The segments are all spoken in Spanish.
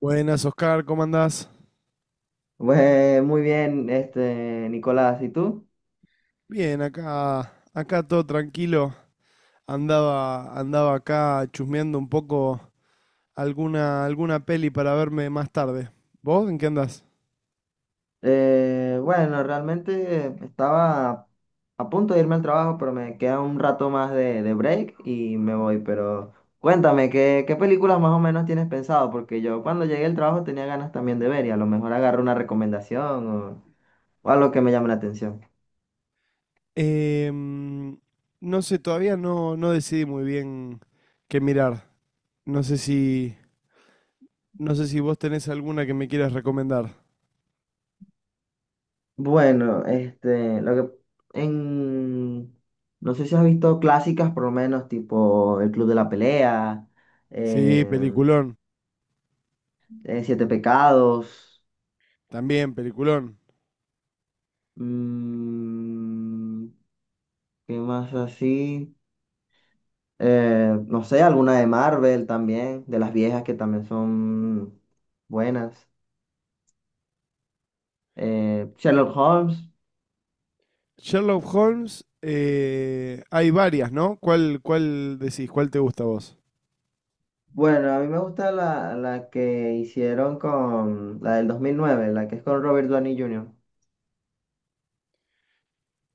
Buenas, Oscar, ¿cómo andás? Pues muy bien, Nicolás, ¿y tú? Bien, acá todo tranquilo. Andaba acá chusmeando un poco alguna peli para verme más tarde. ¿Vos en qué andás? Bueno, realmente estaba a punto de irme al trabajo, pero me queda un rato más de break y me voy. Pero cuéntame, ¿qué películas más o menos tienes pensado? Porque yo cuando llegué al trabajo tenía ganas también de ver y a lo mejor agarro una recomendación o algo que me llame la atención. Em, no sé, todavía no decidí muy bien qué mirar. No sé si, no sé si vos tenés alguna que me quieras recomendar. Bueno, lo que en no sé si has visto clásicas, por lo menos, tipo El Club de la Pelea. Sí, peliculón. Siete Pecados. También, peliculón. mm, ¿Qué más así? No sé, alguna de Marvel también, de las viejas que también son buenas. Sherlock Holmes. Sherlock Holmes, hay varias, ¿no? ¿Cuál decís? ¿Cuál te gusta a vos? Bueno, a mí me gusta la que hicieron con la del 2009, la que es con Robert Downey Jr.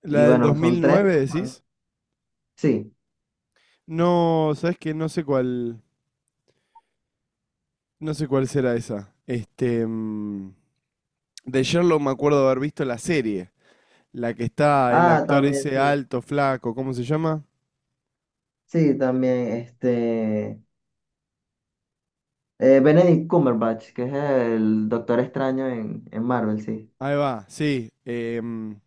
La Y del bueno, son tres. 2009, decís. Sí. No, sabes que no sé cuál será esa. Este, mm, de Sherlock me acuerdo de haber visto la serie, la que está el Ah, actor también, ese sí. alto, flaco, ¿cómo se llama? Sí, también, Benedict Cumberbatch, que es el Doctor Extraño en Marvel, sí. Ahí va, sí.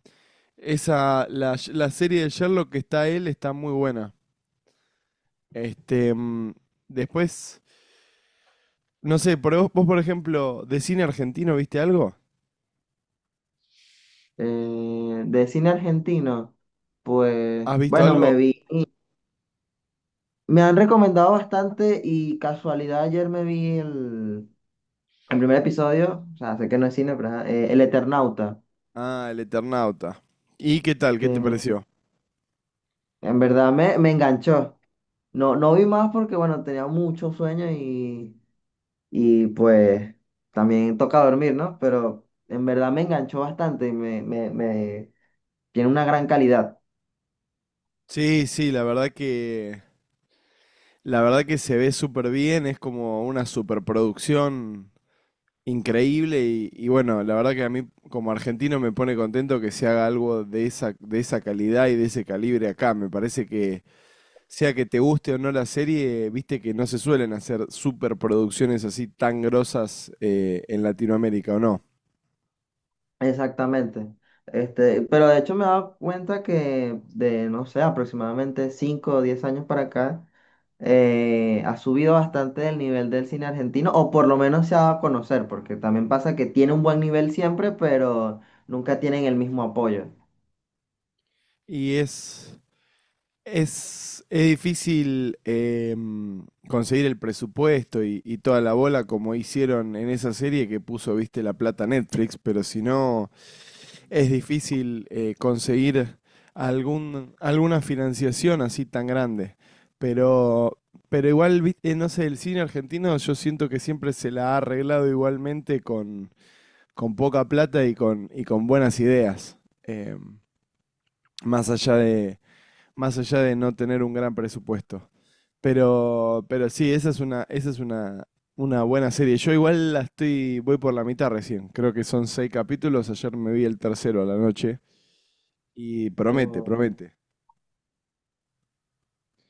Esa, la serie de Sherlock que está él está muy buena. Este, mm, después, no sé, por vos, por ejemplo, de cine argentino, ¿viste algo? De cine argentino, pues ¿Has visto bueno, algo? Me han recomendado bastante y casualidad ayer me vi el primer episodio, o sea, sé que no es cine, pero ajá, El Eternauta, Ah, El Eternauta. ¿Y qué tal? que ¿Qué te me- pareció? en verdad me enganchó. No, no vi más porque bueno, tenía mucho sueño y pues también toca dormir, ¿no? Pero en verdad me enganchó bastante y me tiene una gran calidad. Sí, sí, la verdad que se ve súper bien, es como una superproducción increíble y bueno, la verdad que a mí como argentino me pone contento que se haga algo de de esa calidad y de ese calibre acá. Me parece que sea que te guste o no la serie, viste que no se suelen hacer superproducciones así tan grosas en Latinoamérica, ¿o no? Exactamente. Este, pero de hecho me he dado cuenta que de, no sé, aproximadamente 5 o 10 años para acá, ha subido bastante el nivel del cine argentino, o por lo menos se ha dado a conocer, porque también pasa que tiene un buen nivel siempre, pero nunca tienen el mismo apoyo. Y es, es difícil conseguir el presupuesto y toda la bola como hicieron en esa serie que puso, viste, la plata Netflix, pero si no, es difícil conseguir alguna financiación así tan grande. Pero, pero igual, viste, no sé, el cine argentino yo siento que siempre se la ha arreglado igualmente con poca plata y con buenas ideas, em, más allá de, más allá de no tener un gran presupuesto. Pero sí, una buena serie. Yo igual la estoy, voy por la mitad recién. Creo que son seis capítulos. Ayer me vi el tercero a la noche y promete, O, promete.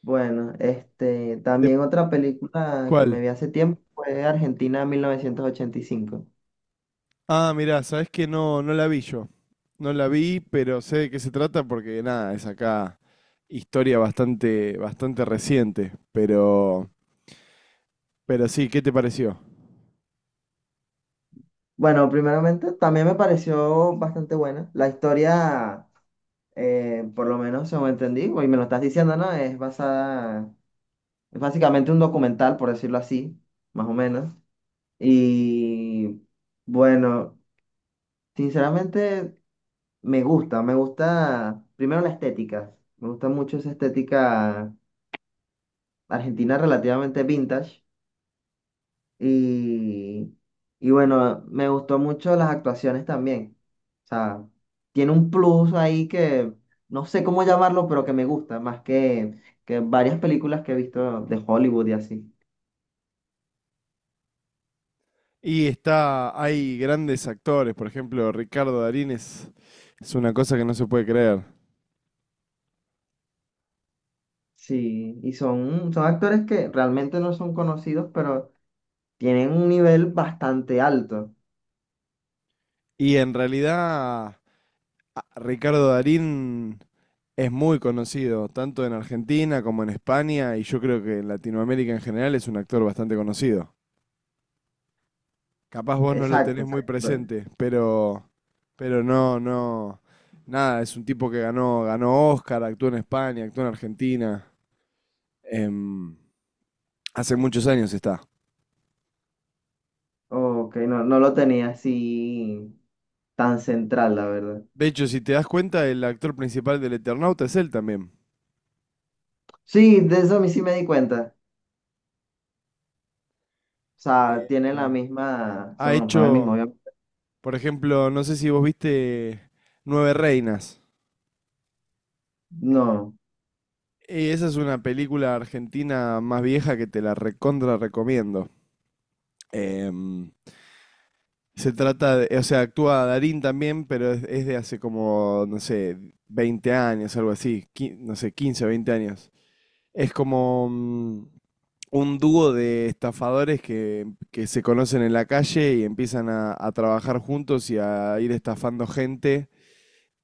bueno, ¿De también otra película que me cuál? vi hace tiempo fue Argentina 1985. Ah, mirá, sabés que no la vi yo. No la vi, pero sé de qué se trata porque nada, es acá historia bastante reciente. Pero sí, ¿qué te pareció? Bueno, primeramente también me pareció bastante buena. La historia por lo menos según entendí, y me lo estás diciendo, ¿no? Es básicamente un documental, por decirlo así, más o menos. Y bueno, sinceramente me gusta primero la estética, me gusta mucho esa estética argentina relativamente vintage. Y, y bueno, me gustó mucho las actuaciones también. O sea, tiene un plus ahí que no sé cómo llamarlo, pero que me gusta, más que varias películas que he visto de Hollywood y así. Y está, hay grandes actores, por ejemplo, Ricardo Darín es una cosa que no se puede creer. Sí, y son actores que realmente no son conocidos, pero tienen un nivel bastante alto. Y en realidad, Ricardo Darín es muy conocido, tanto en Argentina como en España, y yo creo que en Latinoamérica en general es un actor bastante conocido. Capaz vos no lo Exacto, tenés muy exacto, presente, pero, pero no, no, nada, es un tipo que ganó Oscar, actuó en España, actuó en Argentina, em, hace muchos años está. ok, no lo tenía así tan central, la verdad. De hecho, si te das cuenta, el actor principal del Eternauta es él también. Sí, de eso a mí sí me di cuenta. O sea, tienen la Em, misma, ha son el mismo hecho, avión. por ejemplo, no sé si vos viste Nueve Reinas. No, Esa es una película argentina más vieja que te la recontra recomiendo. Em, se trata de, o sea, actúa Darín también, pero es de hace como, no sé, 20 años, algo así, no sé, 15 o 20 años. Es como mm, un dúo de estafadores que se conocen en la calle y empiezan a trabajar juntos y a ir estafando gente.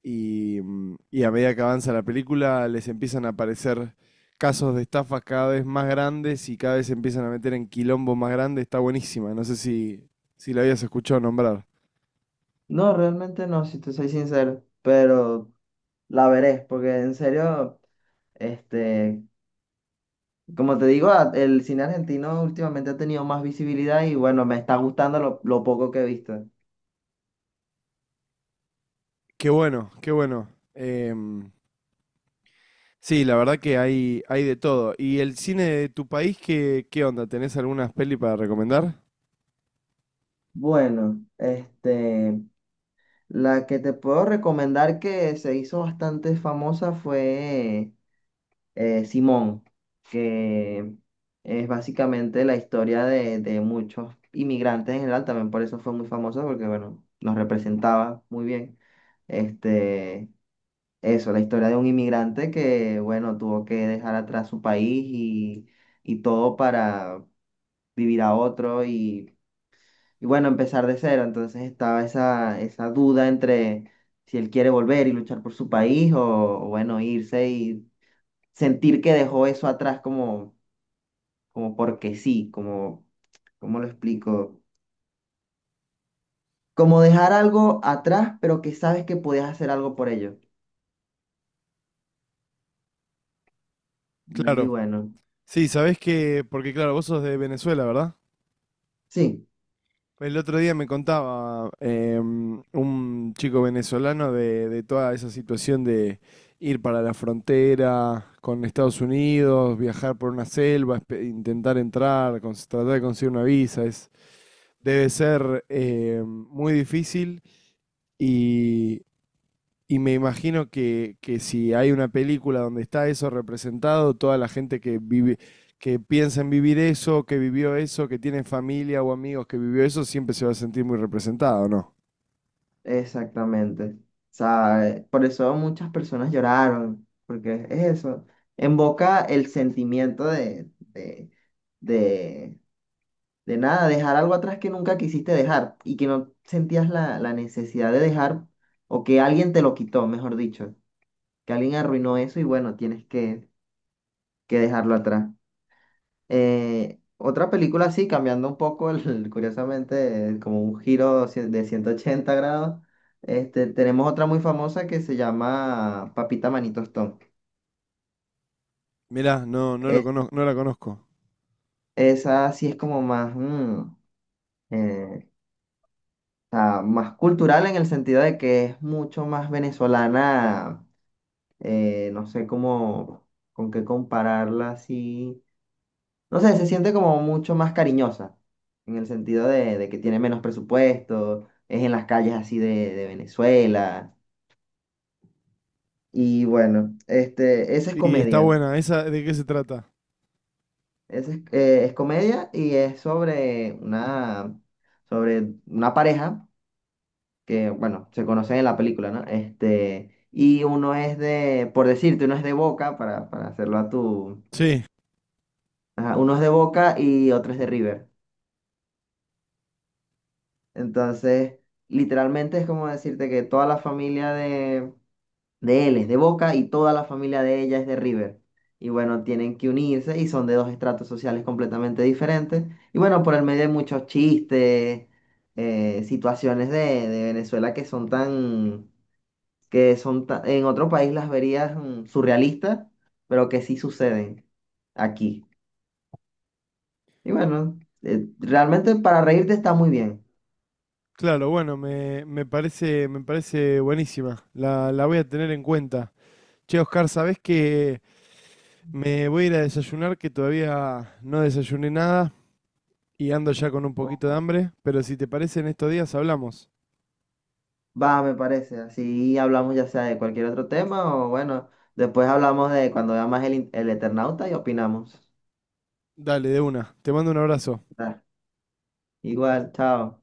Y, mm, y a medida que avanza la película, les empiezan a aparecer casos de estafas cada vez más grandes y cada vez se empiezan a meter en quilombos más grandes. Está buenísima, no sé si, si la habías escuchado nombrar. no, realmente no, si te soy sincero, pero la veré, porque en serio, este, como te digo, el cine argentino últimamente ha tenido más visibilidad y bueno, me está gustando lo poco que he visto. Qué bueno, qué bueno. Em, sí, la verdad que hay de todo. ¿Y el cine de tu país, qué onda? ¿Tenés algunas peli para recomendar? Bueno, la que te puedo recomendar que se hizo bastante famosa fue Simón, que es básicamente la historia de muchos inmigrantes en general, también por eso fue muy famosa porque bueno, nos representaba muy bien. Este, Eso, la historia de un inmigrante que, bueno, tuvo que dejar atrás su país y todo para vivir a otro y bueno, empezar de cero. Entonces estaba esa duda entre si él quiere volver y luchar por su país o bueno, irse y sentir que dejó eso atrás como como porque sí, como, ¿cómo lo explico? Como dejar algo atrás, pero que sabes que podías hacer algo por ello. Muy Claro. bueno. Sí, sabés que, porque claro, vos sos de Venezuela, ¿verdad? Sí, El otro día me contaba un chico venezolano de toda esa situación de ir para la frontera con Estados Unidos, viajar por una selva, intentar entrar, tratar de conseguir una visa. Es, debe ser muy difícil. Y, y me imagino que si hay una película donde está eso representado, toda la gente que vive, que piensa en vivir eso, que vivió eso, que tiene familia o amigos que vivió eso, siempre se va a sentir muy representado, ¿no? exactamente. O ¿Sabes? Por eso muchas personas lloraron, porque es eso. Invoca el sentimiento de, de nada, dejar algo atrás que nunca quisiste dejar y que no sentías la necesidad de dejar o que alguien te lo quitó, mejor dicho, que alguien arruinó eso y bueno, que dejarlo atrás. Otra película así, cambiando un poco, curiosamente, como un giro de 180 grados, tenemos otra muy famosa que se llama Papita Manito Stone. Mirá, no lo Es- conozco, no la conozco. Esa sí es como más, eh, más cultural en el sentido de que es mucho más venezolana, no sé cómo, con qué compararla así no sé, se siente como mucho más cariñosa, en el sentido de que tiene menos presupuesto, es en las calles así de Venezuela. Y bueno, esa es Y está comedia. buena, ¿esa de qué se trata? Esa es comedia y es sobre sobre una pareja que, bueno, se conocen en la película, ¿no? Y uno es de, por decirte, uno es de Boca, para hacerlo a tu... Sí, ajá, uno es de Boca y otro es de River. Entonces, literalmente es como decirte que toda la familia de él es de Boca y toda la familia de ella es de River. Y bueno, tienen que unirse y son de dos estratos sociales completamente diferentes. Y bueno, por el medio hay muchos chistes, situaciones de Venezuela que son tan, en otro país las verías surrealistas, pero que sí suceden aquí. Y bueno, realmente para reírte está muy bien. claro, bueno, me parece buenísima. La voy a tener en cuenta. Che, Oscar, ¿sabés que me voy a ir a desayunar? Que todavía no desayuné nada y ando ya con un poquito de hambre. Pero si te parece, en estos días hablamos. Va, me parece. Así hablamos ya sea de cualquier otro tema o bueno, después hablamos de cuando veamos el Eternauta y opinamos. Dale, de una. Te mando un abrazo. Ah, igual, chao.